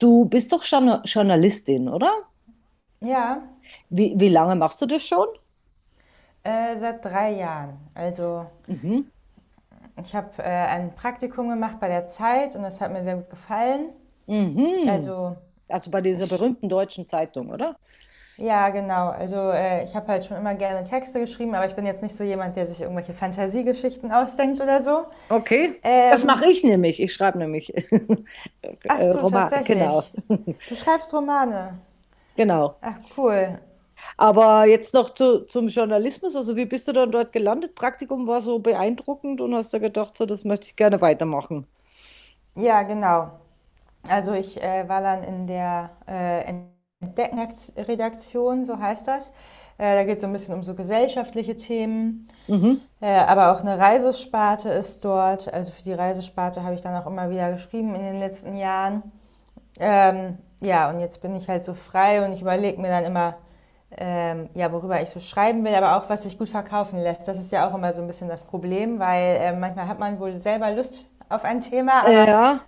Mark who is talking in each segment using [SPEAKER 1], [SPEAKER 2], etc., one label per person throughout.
[SPEAKER 1] Du bist doch Journalistin, oder?
[SPEAKER 2] Ja,
[SPEAKER 1] Wie lange machst du das schon?
[SPEAKER 2] seit 3 Jahren. Also
[SPEAKER 1] Mhm.
[SPEAKER 2] ich habe ein Praktikum gemacht bei der Zeit, und das hat mir sehr gut gefallen.
[SPEAKER 1] Mhm.
[SPEAKER 2] Also
[SPEAKER 1] Also bei dieser
[SPEAKER 2] ich,
[SPEAKER 1] berühmten deutschen Zeitung, oder?
[SPEAKER 2] ja, genau. Also ich habe halt schon immer gerne Texte geschrieben, aber ich bin jetzt nicht so jemand, der sich irgendwelche Fantasiegeschichten ausdenkt oder so.
[SPEAKER 1] Okay. Das
[SPEAKER 2] Ähm,
[SPEAKER 1] mache ich nämlich. Ich schreibe nämlich
[SPEAKER 2] Ach so,
[SPEAKER 1] Romane, genau.
[SPEAKER 2] tatsächlich. Du schreibst Romane.
[SPEAKER 1] Genau.
[SPEAKER 2] Ach, cool.
[SPEAKER 1] Aber jetzt noch zum Journalismus. Also wie bist du dann dort gelandet? Praktikum war so beeindruckend und hast da gedacht, so, das möchte ich gerne weitermachen.
[SPEAKER 2] Ja, genau. Also ich war dann in der Redaktion, so heißt das. Da geht es so ein bisschen um so gesellschaftliche Themen,
[SPEAKER 1] Mhm.
[SPEAKER 2] aber auch eine Reisesparte ist dort. Also für die Reisesparte habe ich dann auch immer wieder geschrieben in den letzten Jahren. Ja, und jetzt bin ich halt so frei, und ich überlege mir dann immer, ja, worüber ich so schreiben will, aber auch was sich gut verkaufen lässt. Das ist ja auch immer so ein bisschen das Problem, weil manchmal hat man wohl selber Lust auf ein Thema, aber
[SPEAKER 1] Ja.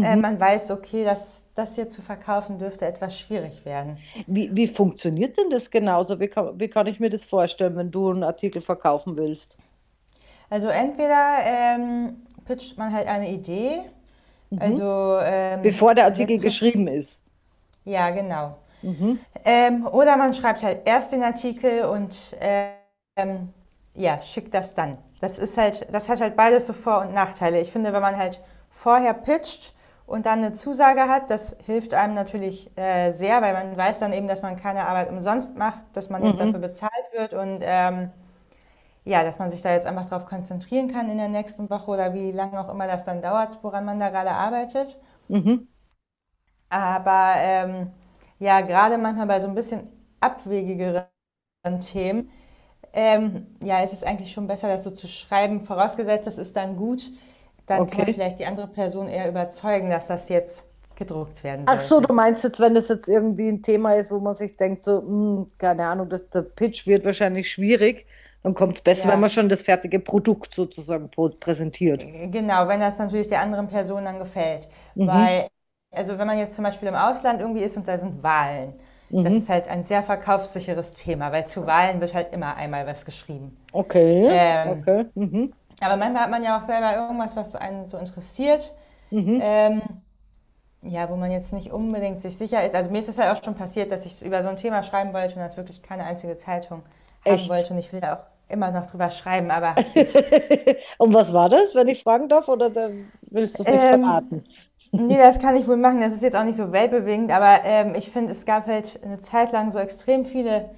[SPEAKER 2] man weiß, okay, dass das hier zu verkaufen dürfte etwas schwierig werden.
[SPEAKER 1] Wie funktioniert denn das genauso? Wie kann ich mir das vorstellen, wenn du einen Artikel verkaufen willst?
[SPEAKER 2] Also entweder pitcht man halt eine Idee,
[SPEAKER 1] Mhm.
[SPEAKER 2] also
[SPEAKER 1] Bevor der Artikel
[SPEAKER 2] jetzt, so,
[SPEAKER 1] geschrieben ist.
[SPEAKER 2] ja, genau.
[SPEAKER 1] Mhm.
[SPEAKER 2] Oder man schreibt halt erst den Artikel und ja, schickt das dann. Das hat halt beides so Vor- und Nachteile. Ich finde, wenn man halt vorher pitcht und dann eine Zusage hat, das hilft einem natürlich sehr, weil man weiß dann eben, dass man keine Arbeit umsonst macht, dass man jetzt dafür
[SPEAKER 1] Mhm.
[SPEAKER 2] bezahlt wird, und ja, dass man sich da jetzt einfach darauf konzentrieren kann in der nächsten Woche oder wie lange auch immer das dann dauert, woran man da gerade arbeitet.
[SPEAKER 1] Mhm.
[SPEAKER 2] Aber ja, gerade manchmal bei so ein bisschen abwegigeren Themen. Ja, es ist eigentlich schon besser, das so zu schreiben. Vorausgesetzt, das ist dann gut, dann kann man
[SPEAKER 1] Okay.
[SPEAKER 2] vielleicht die andere Person eher überzeugen, dass das jetzt gedruckt werden
[SPEAKER 1] Ach so,
[SPEAKER 2] sollte.
[SPEAKER 1] du meinst jetzt, wenn das jetzt irgendwie ein Thema ist, wo man sich denkt, so, hm, keine Ahnung, der Pitch wird wahrscheinlich schwierig, dann kommt es besser, wenn man
[SPEAKER 2] Ja,
[SPEAKER 1] schon das fertige Produkt sozusagen präsentiert.
[SPEAKER 2] genau, wenn das natürlich der anderen Person dann gefällt.
[SPEAKER 1] Mhm.
[SPEAKER 2] Weil, also wenn man jetzt zum Beispiel im Ausland irgendwie ist und da sind Wahlen, das ist
[SPEAKER 1] Mhm.
[SPEAKER 2] halt ein sehr verkaufssicheres Thema, weil zu Wahlen wird halt immer einmal was geschrieben.
[SPEAKER 1] Okay.
[SPEAKER 2] Ähm,
[SPEAKER 1] Okay. Mhm.
[SPEAKER 2] aber manchmal hat man ja auch selber irgendwas, was einen so interessiert.
[SPEAKER 1] Mhm.
[SPEAKER 2] Ähm, Ja, wo man jetzt nicht unbedingt sich sicher ist. Also mir ist es halt auch schon passiert, dass ich über so ein Thema schreiben wollte und das wirklich keine einzige Zeitung haben
[SPEAKER 1] Echt.
[SPEAKER 2] wollte. Und ich will da auch immer noch drüber schreiben, aber gut.
[SPEAKER 1] Und was war das, wenn ich fragen darf, oder da willst du es nicht
[SPEAKER 2] Ähm,
[SPEAKER 1] verraten?
[SPEAKER 2] Nee, das kann ich wohl machen. Das ist jetzt auch nicht so weltbewegend, aber ich finde, es gab halt eine Zeit lang so extrem viele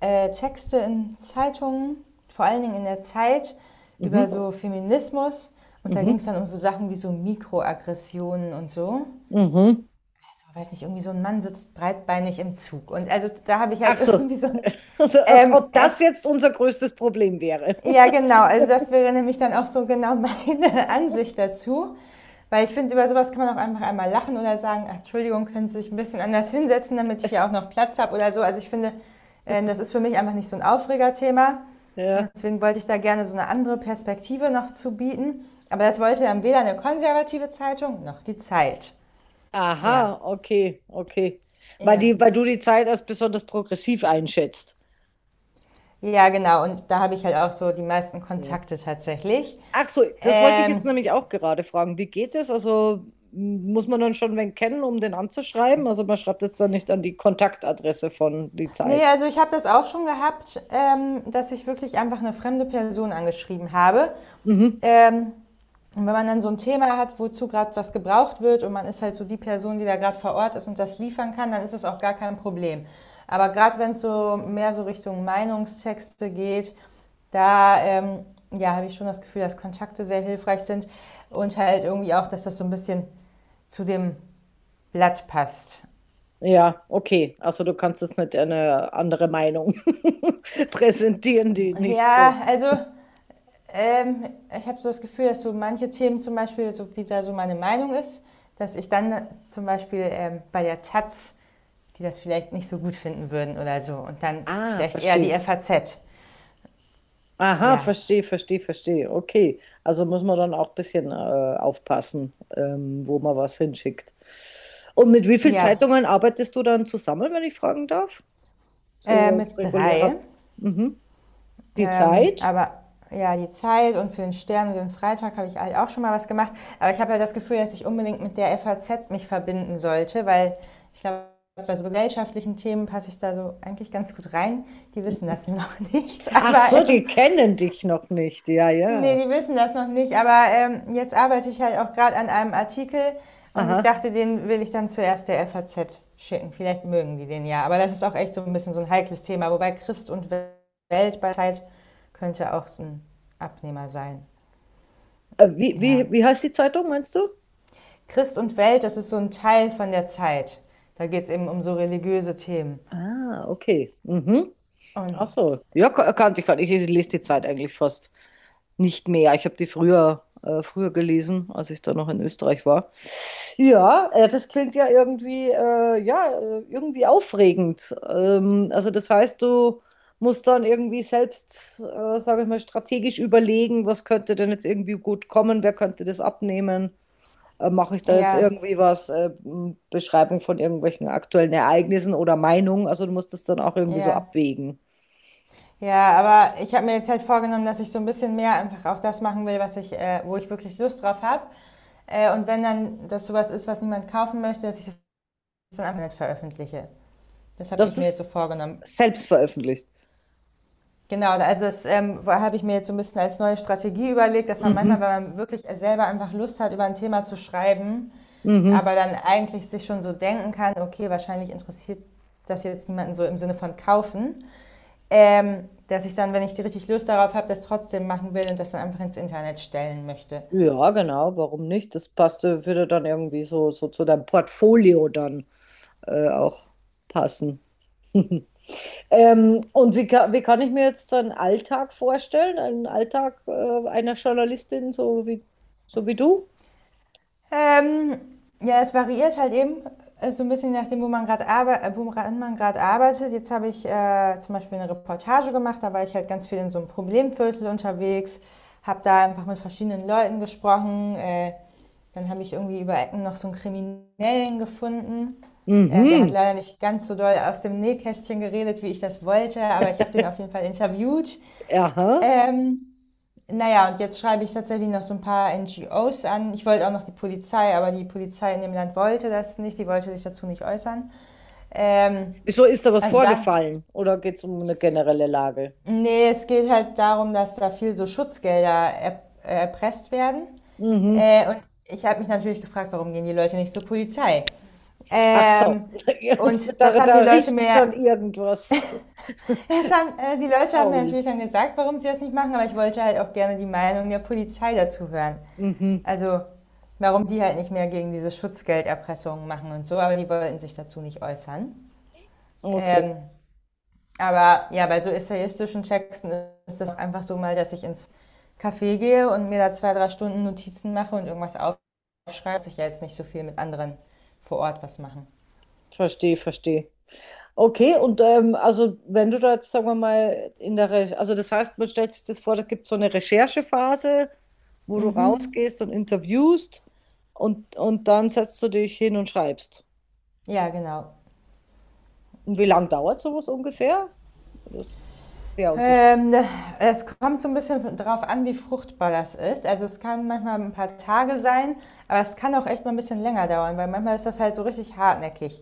[SPEAKER 2] Texte in Zeitungen, vor allen Dingen in der Zeit, über
[SPEAKER 1] Mhm.
[SPEAKER 2] so Feminismus. Und da ging
[SPEAKER 1] Mhm.
[SPEAKER 2] es dann um so Sachen wie so Mikroaggressionen und so.
[SPEAKER 1] Mhm.
[SPEAKER 2] Also, weiß nicht, irgendwie so ein Mann sitzt breitbeinig im Zug. Und also da habe ich
[SPEAKER 1] Ach
[SPEAKER 2] halt
[SPEAKER 1] so.
[SPEAKER 2] irgendwie so ein,
[SPEAKER 1] Also, als
[SPEAKER 2] ähm,
[SPEAKER 1] ob
[SPEAKER 2] äh,
[SPEAKER 1] das jetzt unser größtes Problem wäre.
[SPEAKER 2] ja, genau, also das wäre nämlich dann auch so genau meine Ansicht dazu. Weil ich finde, über sowas kann man auch einfach einmal lachen oder sagen: "Ach, Entschuldigung, können Sie sich ein bisschen anders hinsetzen, damit ich hier auch noch Platz habe", oder so. Also ich finde, das ist für mich einfach nicht so ein Aufregerthema. Und
[SPEAKER 1] Ja.
[SPEAKER 2] deswegen wollte ich da gerne so eine andere Perspektive noch zu bieten. Aber das wollte dann weder eine konservative Zeitung noch die Zeit. Ja,
[SPEAKER 1] Aha, okay, okay. Weil
[SPEAKER 2] ja.
[SPEAKER 1] weil du die Zeit als besonders progressiv einschätzt.
[SPEAKER 2] Ja, genau. Und da habe ich halt auch so die meisten
[SPEAKER 1] Ja.
[SPEAKER 2] Kontakte tatsächlich.
[SPEAKER 1] Ach so, das wollte ich jetzt
[SPEAKER 2] Ähm,
[SPEAKER 1] nämlich auch gerade fragen. Wie geht das? Also muss man dann schon wen kennen, um den anzuschreiben? Also man schreibt jetzt dann nicht an die Kontaktadresse von die
[SPEAKER 2] Nee,
[SPEAKER 1] Zeit.
[SPEAKER 2] also ich habe das auch schon gehabt, dass ich wirklich einfach eine fremde Person angeschrieben habe.
[SPEAKER 1] Mhm.
[SPEAKER 2] Ähm, Und wenn man dann so ein Thema hat, wozu gerade was gebraucht wird und man ist halt so die Person, die da gerade vor Ort ist und das liefern kann, dann ist es auch gar kein Problem. Aber gerade wenn es so mehr so Richtung Meinungstexte geht, da ja, habe ich schon das Gefühl, dass Kontakte sehr hilfreich sind und halt irgendwie auch, dass das so ein bisschen zu dem Blatt passt.
[SPEAKER 1] Ja, okay. Also du kannst jetzt nicht eine andere Meinung präsentieren, die nicht so.
[SPEAKER 2] Ja, also, Ähm, ich habe so das Gefühl, dass so manche Themen zum Beispiel, so wie da so meine Meinung ist, dass ich dann zum Beispiel bei der Taz, die das vielleicht nicht so gut finden würden oder so, und dann
[SPEAKER 1] Ah,
[SPEAKER 2] vielleicht eher die
[SPEAKER 1] verstehe.
[SPEAKER 2] FAZ.
[SPEAKER 1] Aha,
[SPEAKER 2] Ja,
[SPEAKER 1] verstehe, verstehe, verstehe. Okay. Also muss man dann auch ein bisschen aufpassen, wo man was hinschickt. Und mit wie vielen
[SPEAKER 2] ja,
[SPEAKER 1] Zeitungen arbeitest du dann zusammen, wenn ich fragen darf? So auf
[SPEAKER 2] mit drei.
[SPEAKER 1] regulärer. Mhm. Die Zeit?
[SPEAKER 2] Aber ja, die Zeit und für den Stern und den Freitag habe ich halt auch schon mal was gemacht. Aber ich habe ja das Gefühl, dass ich unbedingt mit der FAZ mich verbinden sollte, weil ich glaube, bei so gesellschaftlichen Themen passe ich da so eigentlich ganz gut rein. Die wissen
[SPEAKER 1] Mhm.
[SPEAKER 2] das noch nicht,
[SPEAKER 1] Ach
[SPEAKER 2] aber
[SPEAKER 1] so, die kennen dich noch nicht. Ja, ja.
[SPEAKER 2] ne, die wissen das noch nicht, aber jetzt arbeite ich halt auch gerade an einem Artikel, und ich
[SPEAKER 1] Aha.
[SPEAKER 2] dachte, den will ich dann zuerst der FAZ schicken. Vielleicht mögen die den ja, aber das ist auch echt so ein bisschen so ein heikles Thema, wobei Christ und Welt bei Zeit könnte auch so 'n Abnehmer sein,
[SPEAKER 1] Äh, wie,
[SPEAKER 2] ja.
[SPEAKER 1] wie, wie heißt die Zeitung, meinst du?
[SPEAKER 2] Christ und Welt, das ist so ein Teil von der Zeit. Da geht's eben um so religiöse Themen,
[SPEAKER 1] Ah, okay. Mhm. Ach
[SPEAKER 2] und
[SPEAKER 1] so. Ja, kannte ich gar nicht. Ich lese die Zeit eigentlich fast nicht mehr. Ich habe die früher gelesen, als ich da noch in Österreich war. Ja, das klingt ja, irgendwie aufregend. Also das heißt, du musst dann irgendwie selbst, sage ich mal, strategisch überlegen, was könnte denn jetzt irgendwie gut kommen, wer könnte das abnehmen. Mache ich da jetzt
[SPEAKER 2] ja,
[SPEAKER 1] irgendwie was, Beschreibung von irgendwelchen aktuellen Ereignissen oder Meinungen? Also du musst das dann auch irgendwie so
[SPEAKER 2] ja.
[SPEAKER 1] abwägen.
[SPEAKER 2] Ja, aber ich habe mir jetzt halt vorgenommen, dass ich so ein bisschen mehr einfach auch das machen will, was ich, wo ich wirklich Lust drauf habe. Und wenn dann das sowas ist, was niemand kaufen möchte, dass ich das dann einfach nicht veröffentliche. Das habe
[SPEAKER 1] dass
[SPEAKER 2] ich mir jetzt
[SPEAKER 1] Das
[SPEAKER 2] so vorgenommen.
[SPEAKER 1] selbst veröffentlicht.
[SPEAKER 2] Genau, also das habe ich mir jetzt so ein bisschen als neue Strategie überlegt, dass man manchmal,
[SPEAKER 1] Mhm.
[SPEAKER 2] wenn man wirklich selber einfach Lust hat, über ein Thema zu schreiben,
[SPEAKER 1] Mhm.
[SPEAKER 2] aber dann eigentlich sich schon so denken kann, okay, wahrscheinlich interessiert das jetzt niemanden so im Sinne von kaufen. Dass ich dann, wenn ich richtig Lust darauf habe, das trotzdem machen will und das dann einfach ins Internet stellen möchte.
[SPEAKER 1] Ja, genau, warum nicht? Das passte, würde dann irgendwie so zu deinem Portfolio dann auch passen. Und wie kann ich mir jetzt so einen Alltag vorstellen? Einen Alltag einer Journalistin, so wie du?
[SPEAKER 2] Ähm, ja, es variiert halt eben so ein bisschen nachdem, wo man gerade woran man gerade arbeitet. Jetzt habe ich zum Beispiel eine Reportage gemacht, da war ich halt ganz viel in so einem Problemviertel unterwegs, habe da einfach mit verschiedenen Leuten gesprochen. Dann habe ich irgendwie über Ecken noch so einen Kriminellen gefunden. Der hat
[SPEAKER 1] Mhm,
[SPEAKER 2] leider nicht ganz so doll aus dem Nähkästchen geredet, wie ich das wollte, aber ich habe den auf jeden Fall interviewt.
[SPEAKER 1] aha.
[SPEAKER 2] Ähm, naja, und jetzt schreibe ich tatsächlich noch so ein paar NGOs an. Ich wollte auch noch die Polizei, aber die Polizei in dem Land wollte das nicht. Die wollte sich dazu nicht äußern. Ähm,
[SPEAKER 1] Wieso ist da was
[SPEAKER 2] also dann.
[SPEAKER 1] vorgefallen? Oder geht es um eine generelle Lage?
[SPEAKER 2] Nee, es geht halt darum, dass da viel so Schutzgelder er erpresst werden.
[SPEAKER 1] Mhm.
[SPEAKER 2] Und ich habe mich natürlich gefragt, warum gehen die Leute nicht zur Polizei?
[SPEAKER 1] Ach so,
[SPEAKER 2] Ähm, und das
[SPEAKER 1] da,
[SPEAKER 2] haben
[SPEAKER 1] da
[SPEAKER 2] die Leute
[SPEAKER 1] riecht
[SPEAKER 2] mir,
[SPEAKER 1] schon irgendwas
[SPEAKER 2] Die Leute haben mir
[SPEAKER 1] faul.
[SPEAKER 2] natürlich dann gesagt, warum sie das nicht machen, aber ich wollte halt auch gerne die Meinung der Polizei dazu hören.
[SPEAKER 1] Mhm.
[SPEAKER 2] Also warum die halt nicht mehr gegen diese Schutzgelderpressungen machen und so, aber die wollten sich dazu nicht äußern.
[SPEAKER 1] Okay,
[SPEAKER 2] Ähm, aber ja, bei so essayistischen Texten ist das einfach so mal, dass ich ins Café gehe und mir da 2, 3 Stunden Notizen mache und irgendwas aufschreibe. Muss ich ja jetzt nicht so viel mit anderen vor Ort was machen.
[SPEAKER 1] verstehe, verstehe. Okay, und also wenn du da jetzt, sagen wir mal, in der, Re also das heißt, man stellt sich das vor, da gibt es so eine Recherchephase, wo du
[SPEAKER 2] Mhm.
[SPEAKER 1] rausgehst und interviewst und dann setzt du dich hin und schreibst.
[SPEAKER 2] Ja, genau.
[SPEAKER 1] Und wie lange dauert sowas ungefähr? Das ist sehr unterschiedlich.
[SPEAKER 2] Ähm, Es kommt so ein bisschen drauf an, wie fruchtbar das ist. Also es kann manchmal ein paar Tage sein, aber es kann auch echt mal ein bisschen länger dauern, weil manchmal ist das halt so richtig hartnäckig.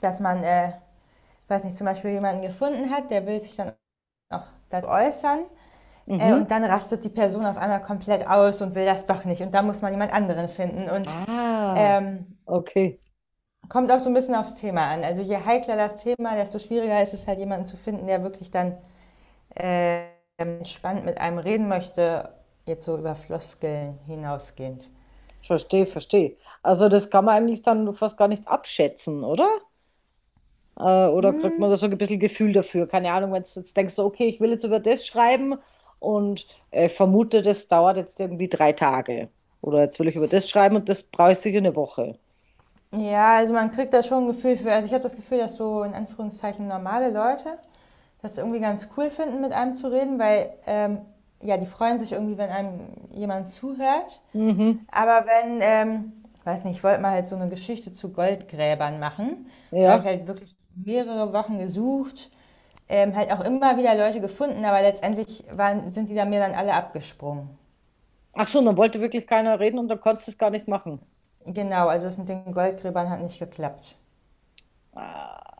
[SPEAKER 2] Dass man, weiß nicht, zum Beispiel jemanden gefunden hat, der will sich dann auch dazu äußern, und
[SPEAKER 1] Mhm.
[SPEAKER 2] dann rastet die Person auf einmal komplett aus und will das doch nicht, und da muss man jemand anderen finden, und
[SPEAKER 1] Ah,
[SPEAKER 2] ähm,
[SPEAKER 1] okay,
[SPEAKER 2] kommt auch so ein bisschen aufs Thema an. Also je heikler das Thema, desto schwieriger ist es halt jemanden zu finden, der wirklich dann äh, spannend mit einem reden möchte, jetzt so über Floskeln hinausgehend.
[SPEAKER 1] verstehe, verstehe. Also das kann man eigentlich dann fast gar nicht abschätzen, oder? Oder kriegt
[SPEAKER 2] Hm,
[SPEAKER 1] man da so ein bisschen Gefühl dafür? Keine Ahnung, wenn du jetzt denkst, so, okay, ich will jetzt über das schreiben und vermute, das dauert jetzt irgendwie 3 Tage. Oder jetzt will ich über das schreiben und das brauche ich sicher eine Woche.
[SPEAKER 2] ja, also man kriegt da schon ein Gefühl für, also ich habe das Gefühl, dass so in Anführungszeichen normale Leute das irgendwie ganz cool finden, mit einem zu reden, weil ja, die freuen sich irgendwie, wenn einem jemand zuhört.
[SPEAKER 1] Mhm,
[SPEAKER 2] Aber wenn, weiß nicht, ich wollte mal halt so eine Geschichte zu Goldgräbern machen. Da habe ich
[SPEAKER 1] ja.
[SPEAKER 2] halt wirklich mehrere Wochen gesucht, halt auch immer wieder Leute gefunden, aber letztendlich sind die da mir dann alle abgesprungen.
[SPEAKER 1] Ach so, und dann wollte wirklich keiner reden und dann konntest du es gar nicht machen.
[SPEAKER 2] Genau, also das mit den Goldgräbern hat nicht geklappt.
[SPEAKER 1] Ah.